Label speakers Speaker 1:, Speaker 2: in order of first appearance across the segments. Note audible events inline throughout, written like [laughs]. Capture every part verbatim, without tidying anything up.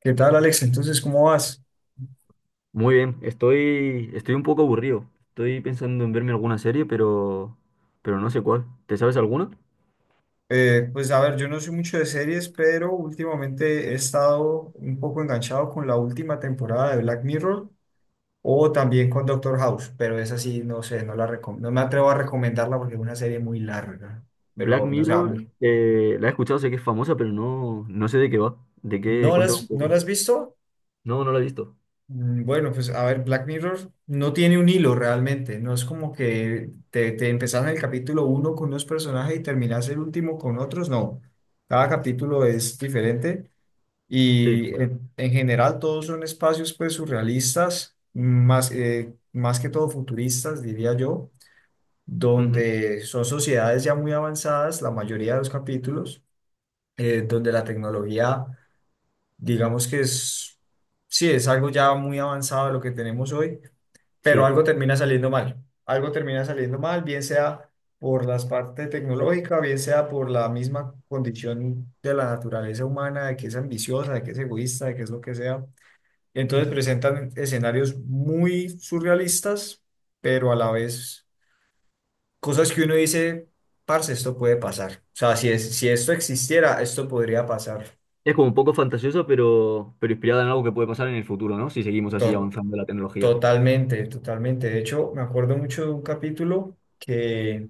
Speaker 1: ¿Qué tal, Alex? Entonces, ¿cómo vas?
Speaker 2: Muy bien, estoy, estoy un poco aburrido. Estoy pensando en verme alguna serie, pero, pero no sé cuál. ¿Te sabes alguna?
Speaker 1: Eh, pues a ver, yo no soy mucho de series, pero últimamente he estado un poco enganchado con la última temporada de Black Mirror o también con Doctor House, pero esa sí, no sé, no la recom- no me atrevo a recomendarla porque es una serie muy larga,
Speaker 2: Black
Speaker 1: pero no sé, a
Speaker 2: Mirror,
Speaker 1: mí-
Speaker 2: eh, la he escuchado, sé que es famosa, pero no, no sé de qué va. ¿De qué?
Speaker 1: ¿no
Speaker 2: Cuéntame un
Speaker 1: las, no las
Speaker 2: poco.
Speaker 1: has visto?
Speaker 2: No, no la he visto.
Speaker 1: Mm, Bueno, pues a ver, Black Mirror no tiene un hilo realmente, no es como que te, te empezás en el capítulo uno con unos personajes y terminás el último con otros, no, cada capítulo es diferente.
Speaker 2: Sí,
Speaker 1: Y en, en general todos son espacios pues surrealistas, más, eh, más que todo futuristas, diría yo,
Speaker 2: ujú,
Speaker 1: donde son sociedades ya muy avanzadas, la mayoría de los capítulos, eh, donde la tecnología, digamos que es, sí, es algo ya muy avanzado de lo que tenemos hoy, pero
Speaker 2: sí.
Speaker 1: algo termina saliendo mal, algo termina saliendo mal, bien sea por la parte tecnológica, bien sea por la misma condición de la naturaleza humana, de que es ambiciosa, de que es egoísta, de que es lo que sea, entonces
Speaker 2: ujú.
Speaker 1: presentan escenarios muy surrealistas, pero a la vez cosas que uno dice, parce, esto puede pasar. O sea, si, es, si esto existiera, esto podría pasar.
Speaker 2: Es como un poco fantasiosa, pero, pero inspirada en algo que puede pasar en el futuro, ¿no? Si seguimos así
Speaker 1: To-
Speaker 2: avanzando la tecnología.
Speaker 1: totalmente, totalmente. De hecho, me acuerdo mucho de un capítulo que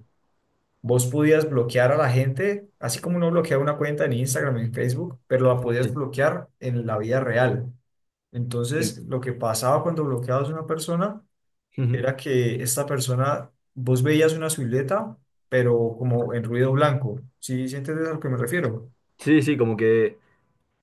Speaker 1: vos podías bloquear a la gente, así como uno bloquea una cuenta en Instagram, en Facebook, pero la podías
Speaker 2: Sí.
Speaker 1: bloquear en la vida real.
Speaker 2: Y
Speaker 1: Entonces,
Speaker 2: en-
Speaker 1: lo que pasaba cuando bloqueabas a una persona
Speaker 2: ujú.
Speaker 1: era que esta persona, vos veías una silueta, pero como en ruido blanco. ¿Sí, sí entiendes a lo que me refiero?
Speaker 2: Sí, sí, como que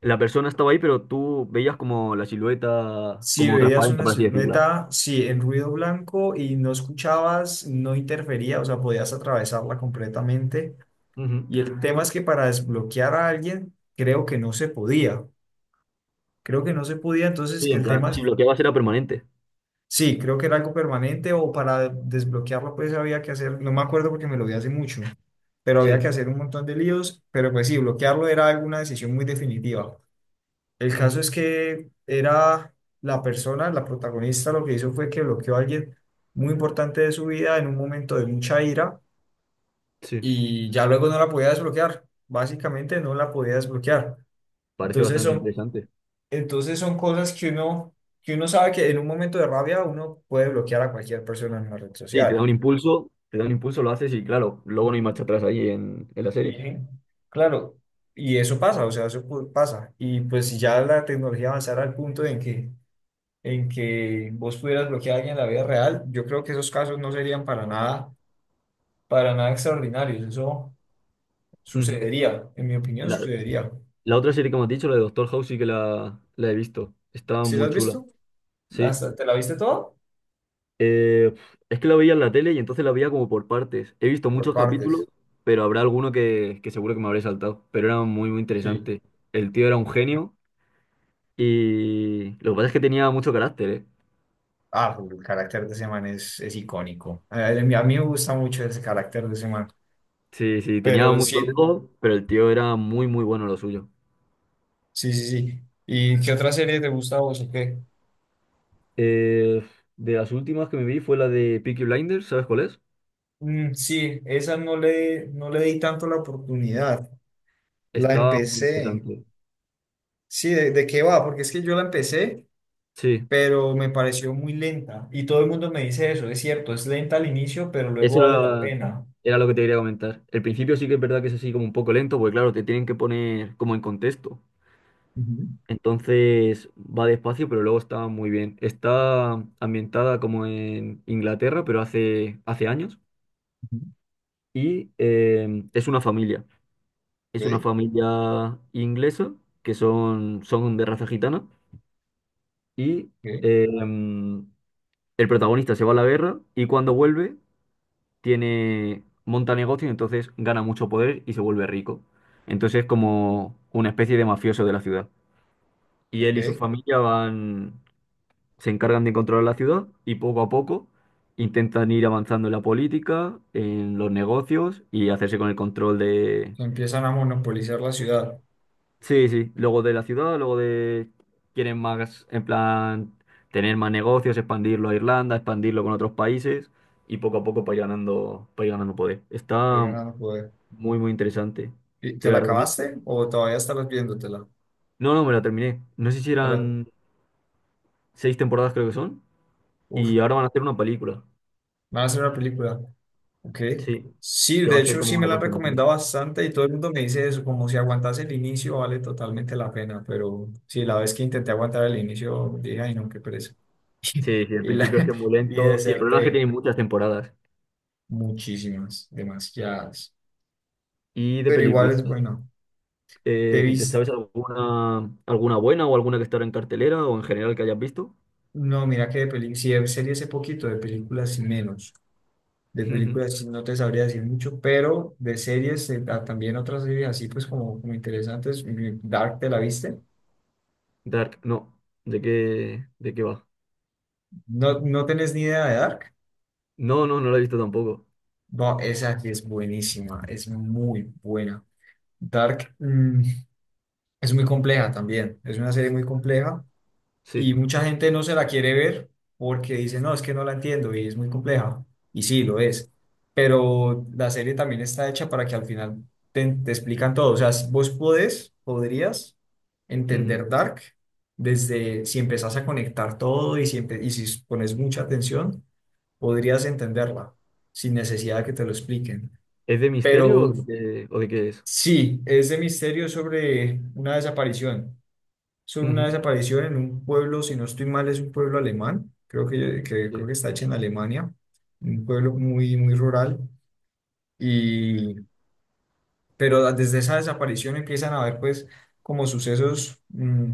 Speaker 2: la persona estaba ahí, pero tú veías como la silueta,
Speaker 1: Si
Speaker 2: como
Speaker 1: veías
Speaker 2: transparente,
Speaker 1: una
Speaker 2: por así decirla.
Speaker 1: silueta, sí, en ruido blanco y no escuchabas, no interfería, o sea, podías atravesarla completamente.
Speaker 2: Ujú.
Speaker 1: Y el tema es que para desbloquear a alguien, creo que no se podía. Creo que no se podía, entonces
Speaker 2: Sí, en
Speaker 1: el tema
Speaker 2: plan, si
Speaker 1: es...
Speaker 2: bloqueabas era permanente.
Speaker 1: Sí, creo que era algo permanente o para desbloquearlo pues había que hacer, no me acuerdo porque me lo vi hace mucho, pero había
Speaker 2: Sí,
Speaker 1: que hacer un montón de líos, pero pues sí, bloquearlo era alguna decisión muy definitiva. El caso
Speaker 2: ujú,
Speaker 1: es que era la persona, la protagonista, lo que hizo fue que bloqueó a alguien muy importante de su vida en un momento de mucha ira
Speaker 2: sí.
Speaker 1: y ya luego no la podía desbloquear, básicamente no la podía desbloquear.
Speaker 2: Parece
Speaker 1: Entonces
Speaker 2: bastante
Speaker 1: son
Speaker 2: interesante.
Speaker 1: entonces son cosas que uno, que uno sabe que en un momento de rabia uno puede bloquear a cualquier persona en una red
Speaker 2: Sí, te da
Speaker 1: social.
Speaker 2: un impulso, te da un impulso, lo haces y claro, luego no hay
Speaker 1: Ujú.
Speaker 2: marcha atrás ahí en, en la
Speaker 1: Y
Speaker 2: serie.
Speaker 1: sí, claro, y eso pasa, o sea, eso pu- pasa. Y pues si ya la tecnología avanzara al punto en que, en que vos pudieras bloquear a alguien en la vida real, yo creo que esos casos no serían para nada, para nada extraordinarios. Eso
Speaker 2: Ujú.
Speaker 1: sucedería, en mi opinión,
Speaker 2: La,
Speaker 1: sucedería.
Speaker 2: la otra serie que me has dicho, la de Doctor House, sí que la, la he visto. Estaba
Speaker 1: ¿Sí lo
Speaker 2: muy
Speaker 1: has
Speaker 2: chula.
Speaker 1: visto?
Speaker 2: Sí.
Speaker 1: ¿Hasta te la viste todo?
Speaker 2: Eh, es que la veía en la tele y entonces la veía como por partes. He visto
Speaker 1: Por
Speaker 2: muchos
Speaker 1: partes.
Speaker 2: capítulos, pero habrá alguno que, que seguro que me habré saltado. Pero era muy, muy
Speaker 1: Sí.
Speaker 2: interesante. El tío era un genio y lo que pasa es que tenía mucho carácter, ¿eh?
Speaker 1: Ah, el carácter de ese man es, es icónico. A a mí, a mí me gusta mucho ese carácter de ese man.
Speaker 2: Sí, sí, tenía
Speaker 1: Pero
Speaker 2: mucho
Speaker 1: sí,
Speaker 2: ego, pero el tío era muy, muy bueno en lo suyo.
Speaker 1: sí, sí, sí. ¿Y qué otra serie te gusta a vos o qué?
Speaker 2: Eh, de las últimas que me vi fue la de Peaky Blinders, ¿sabes cuál es?
Speaker 1: Mm, sí, esa no le, no le di tanto la oportunidad. La
Speaker 2: Estaba muy
Speaker 1: empecé.
Speaker 2: interesante.
Speaker 1: Sí, ¿de, de qué va? Porque es que yo la empecé,
Speaker 2: Sí,
Speaker 1: pero me pareció muy lenta. Y todo el mundo me dice eso, es cierto, es lenta al inicio, pero luego
Speaker 2: eso
Speaker 1: vale la
Speaker 2: era,
Speaker 1: pena.
Speaker 2: era lo que te quería comentar. El principio sí que es verdad que es así como un poco lento, porque claro, te tienen que poner como en contexto.
Speaker 1: Ujú,
Speaker 2: Entonces va despacio, pero luego está muy bien. Está ambientada como en Inglaterra, pero hace, hace años.
Speaker 1: ujú.
Speaker 2: Y eh, es una familia. Es una
Speaker 1: Ok,
Speaker 2: familia inglesa que son, son de raza gitana y
Speaker 1: ok,
Speaker 2: eh, em, el protagonista se va a la guerra y cuando vuelve tiene, monta negocio y entonces gana mucho poder y se vuelve rico. Entonces es como una especie de mafioso de la ciudad. Y él y su
Speaker 1: ok.
Speaker 2: familia van, se encargan de controlar la ciudad y poco a poco intentan ir avanzando en la política, en los negocios y hacerse con el control de...
Speaker 1: Empiezan a monopolizar la ciudad,
Speaker 2: Sí, sí, luego de la ciudad, luego de... Quieren más, en plan, tener más negocios, expandirlo a Irlanda, expandirlo con otros países y poco a poco para ir ganando, para ir ganando poder.
Speaker 1: el
Speaker 2: Está
Speaker 1: ganando poder.
Speaker 2: muy, muy interesante.
Speaker 1: ¿Y ¿Te
Speaker 2: Te
Speaker 1: la
Speaker 2: la recomiendo.
Speaker 1: acabaste o todavía estabas viéndotela?
Speaker 2: No, no, me la terminé. No sé si
Speaker 1: Te la-
Speaker 2: eran seis temporadas, creo que son,
Speaker 1: Uf,
Speaker 2: y ahora van a hacer una película.
Speaker 1: van a hacer una película. Ok.
Speaker 2: Sí,
Speaker 1: Sí,
Speaker 2: que va
Speaker 1: de
Speaker 2: a ser
Speaker 1: hecho sí
Speaker 2: como
Speaker 1: me
Speaker 2: la
Speaker 1: la han recomendado
Speaker 2: continuación.
Speaker 1: bastante y todo el mundo me dice eso, como si aguantase el inicio vale totalmente la pena, pero sí, la vez que intenté aguantar el inicio dije, ay no, qué pereza. [laughs]
Speaker 2: Sí, sí, el
Speaker 1: Y, la,
Speaker 2: principio es que es muy
Speaker 1: y
Speaker 2: lento y el problema es que tiene
Speaker 1: deserté
Speaker 2: muchas temporadas
Speaker 1: muchísimas, demasiadas.
Speaker 2: y de
Speaker 1: Pero igual
Speaker 2: película.
Speaker 1: es bueno. Te
Speaker 2: Eh, ¿te
Speaker 1: vis,
Speaker 2: sabes alguna, alguna buena o alguna que estará en cartelera o en general que hayas visto?
Speaker 1: no, mira que de películas sí, de serie hace poquito, de películas y menos. De
Speaker 2: Ujú.
Speaker 1: películas sí no te sabría decir mucho, pero de series, eh, ah, también otras series así pues como, como interesantes. mm, Dark, ¿te la viste?
Speaker 2: Dark, no. ¿De qué, de qué va?
Speaker 1: ¿No, no tenés ni idea de Dark?
Speaker 2: No, no, no la he visto tampoco.
Speaker 1: No, esa sí es buenísima, es muy buena. Dark, mm, es muy compleja también, es una serie muy compleja
Speaker 2: Sí.
Speaker 1: y mucha gente no se la quiere ver porque dice, no, es que no la entiendo y es muy compleja. Y sí, lo es. Pero la serie también está hecha para que al final te, te explican todo. O sea, si vos podés, podrías
Speaker 2: Ujú.
Speaker 1: entender Dark desde si empezás a conectar todo y si, empe- y si pones mucha atención, podrías entenderla sin necesidad de que te lo expliquen.
Speaker 2: ¿Es de misterio o
Speaker 1: Pero
Speaker 2: de qué, o de qué es?
Speaker 1: sí, es de misterio sobre una desaparición sobre una
Speaker 2: Ujú.
Speaker 1: desaparición en un pueblo, si no estoy mal, es un pueblo alemán, creo que, que- creo que
Speaker 2: Sí.
Speaker 1: está hecho en Alemania, un pueblo muy, muy rural, y, pero desde esa desaparición empiezan a haber pues como sucesos mm,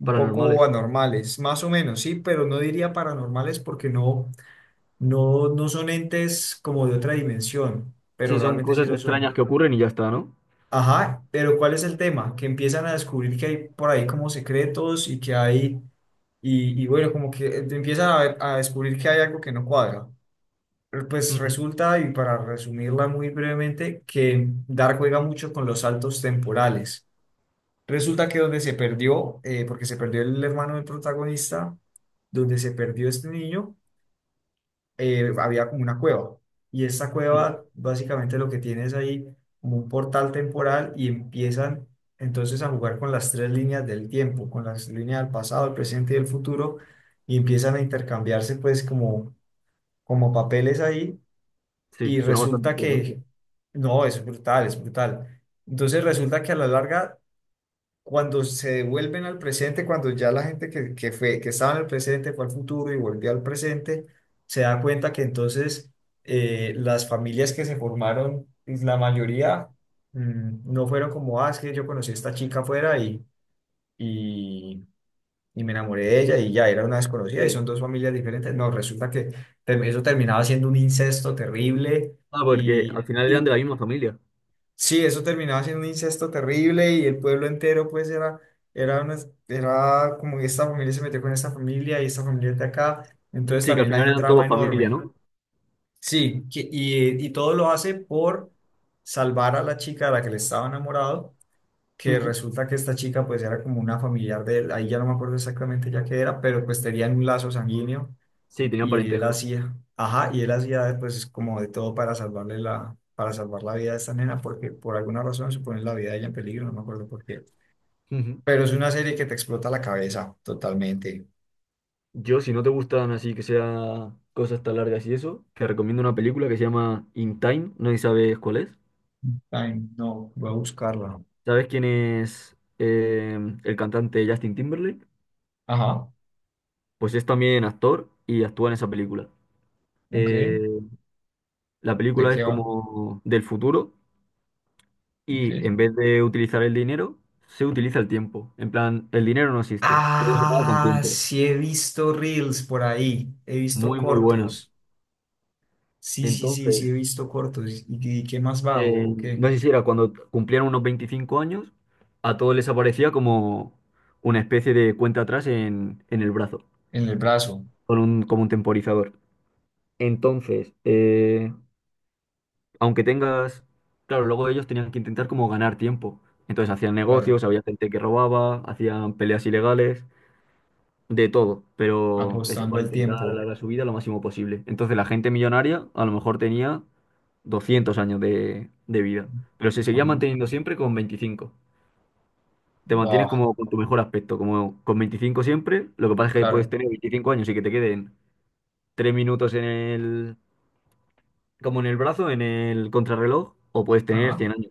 Speaker 1: un poco
Speaker 2: Paranormales.
Speaker 1: anormales, más o menos, sí, pero no diría paranormales porque no, no, no son entes como de otra dimensión, pero
Speaker 2: Sí, son
Speaker 1: realmente sí
Speaker 2: cosas
Speaker 1: lo
Speaker 2: extrañas
Speaker 1: son.
Speaker 2: que ocurren y ya está, ¿no?
Speaker 1: Ajá, pero ¿cuál es el tema? Que empiezan a descubrir que hay por ahí como secretos y que hay... Y, y bueno, como que te empiezan a, ver- a descubrir que hay algo que no cuadra. Pero, Pues
Speaker 2: Ujú.
Speaker 1: resulta, y para resumirla muy brevemente, que Dark juega mucho con los saltos temporales. Resulta que donde se perdió, eh, porque se perdió el hermano del protagonista, donde se perdió este niño, eh, había como una cueva. Y esa
Speaker 2: Ujú.
Speaker 1: cueva básicamente lo que tiene es ahí como un portal temporal y empiezan entonces a jugar con las tres líneas del tiempo, con las líneas del pasado, el presente y el futuro, y empiezan a intercambiarse pues como, como, papeles ahí
Speaker 2: Sí,
Speaker 1: y
Speaker 2: suena bastante
Speaker 1: resulta
Speaker 2: interesante.
Speaker 1: que, no, es brutal, es brutal. Entonces resulta que a la larga cuando se devuelven al presente, cuando ya la gente que, que fue, que estaba en el presente fue al futuro y volvió al presente, se da cuenta que entonces eh, las familias que se formaron, pues, la mayoría mm, no fueron como, ah, es que yo conocí a esta chica afuera y, y, y me enamoré de ella y ya era una desconocida y
Speaker 2: Sí.
Speaker 1: son dos familias diferentes. No, resulta que term- eso terminaba siendo un incesto terrible
Speaker 2: Ah, porque al
Speaker 1: y,
Speaker 2: final eran
Speaker 1: y
Speaker 2: de la misma familia.
Speaker 1: Sí, eso terminaba siendo un incesto terrible y el pueblo entero pues era, era, una- era como que esta familia se metió con esta familia y esta familia es de acá, entonces
Speaker 2: Sí, que al
Speaker 1: también hay
Speaker 2: final
Speaker 1: un
Speaker 2: eran
Speaker 1: drama
Speaker 2: todos familia,
Speaker 1: enorme.
Speaker 2: ¿no?
Speaker 1: Sí, que- y, y todo lo hace por salvar a la chica de la que le estaba enamorado, que
Speaker 2: Ujú.
Speaker 1: resulta que esta chica pues era como una familiar de él, ahí ya no me acuerdo exactamente ya qué era, pero pues tenían un lazo sanguíneo
Speaker 2: Sí, tenían
Speaker 1: y él
Speaker 2: parentesco.
Speaker 1: hacía, ajá, y él hacía pues como de todo para salvarle la, para salvar la vida de esta nena, porque por alguna razón se pone la vida de ella en peligro, no me acuerdo por qué.
Speaker 2: Ujú.
Speaker 1: Pero es una serie que te explota la cabeza totalmente.
Speaker 2: Yo, si no te gustan así que sea cosas tan largas y eso, te recomiendo una película que se llama In Time, no sé si sabes cuál es.
Speaker 1: Ay, no, voy a buscarla.
Speaker 2: ¿Sabes quién es eh, el cantante Justin Timberlake?
Speaker 1: Ajá,
Speaker 2: Pues es también actor y actúa en esa película.
Speaker 1: ok,
Speaker 2: Eh, la
Speaker 1: ¿de
Speaker 2: película es
Speaker 1: qué va?
Speaker 2: como del futuro
Speaker 1: Ok.
Speaker 2: y en vez de utilizar el dinero, se utiliza el tiempo. En plan, el dinero no existe, todo se paga con
Speaker 1: Ah,
Speaker 2: tiempo.
Speaker 1: sí he visto reels por ahí, he visto
Speaker 2: Muy, muy buena.
Speaker 1: cortos. Sí, sí, sí, sí he
Speaker 2: Entonces,
Speaker 1: visto cortos. ¿Y, y qué más va
Speaker 2: eh,
Speaker 1: o o qué?
Speaker 2: no sé si era cuando cumplían unos veinticinco años, a todos les aparecía como una especie de cuenta atrás en, en el brazo,
Speaker 1: En el brazo,
Speaker 2: con un, como un temporizador. Entonces, eh, aunque tengas, claro, luego ellos tenían que intentar como ganar tiempo. Entonces hacían
Speaker 1: claro,
Speaker 2: negocios, había gente que robaba, hacían peleas ilegales, de todo, pero eso,
Speaker 1: apostando
Speaker 2: para
Speaker 1: el
Speaker 2: intentar
Speaker 1: tiempo.
Speaker 2: alargar su vida lo máximo posible. Entonces la gente millonaria a lo mejor tenía doscientos años de, de vida, pero se seguía
Speaker 1: Ajá.
Speaker 2: manteniendo siempre con veinticinco. Te mantienes
Speaker 1: Buah,
Speaker 2: como con tu mejor aspecto, como con veinticinco siempre. Lo que pasa es que puedes
Speaker 1: claro.
Speaker 2: tener veinticinco años y que te queden tres minutos en el, como en el brazo, en el contrarreloj, o puedes tener
Speaker 1: Ajá.
Speaker 2: cien años.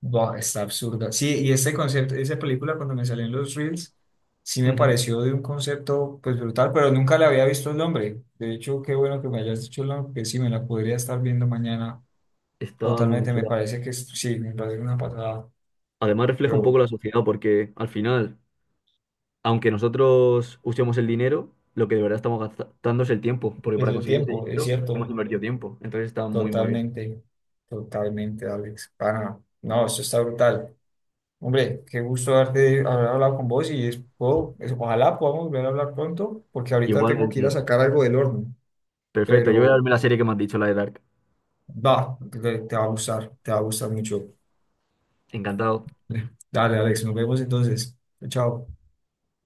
Speaker 1: Buah, está absurda. Sí, y este concepto, esa película cuando me salió en los Reels, sí me
Speaker 2: Ujú.
Speaker 1: pareció de un concepto pues brutal, pero nunca le había visto el nombre. De hecho, qué bueno que me hayas dicho el nombre, que sí, me la podría estar viendo mañana
Speaker 2: Está muy muy
Speaker 1: totalmente. Me
Speaker 2: chula.
Speaker 1: parece que es- sí, me parece una patada.
Speaker 2: Además refleja un poco
Speaker 1: Pero
Speaker 2: la sociedad porque al final, aunque nosotros usemos el dinero, lo que de verdad estamos gastando es el tiempo, porque
Speaker 1: es
Speaker 2: para
Speaker 1: el
Speaker 2: conseguir ese
Speaker 1: tiempo, es
Speaker 2: dinero hemos
Speaker 1: cierto.
Speaker 2: invertido tiempo. Entonces está muy muy bien.
Speaker 1: Totalmente, totalmente, Alex. Ah, no, no, esto está brutal. Hombre, qué gusto darte, haber hablado con vos y es- puedo- es- ojalá podamos volver a hablar pronto, porque ahorita tengo que ir a
Speaker 2: Igualmente.
Speaker 1: sacar algo del horno,
Speaker 2: Perfecto, yo voy a darme
Speaker 1: pero
Speaker 2: la serie que me has dicho, la de Dark.
Speaker 1: va, te, te va a gustar, te va a gustar mucho.
Speaker 2: Encantado.
Speaker 1: [laughs] Dale, Alex, nos vemos entonces. Chao.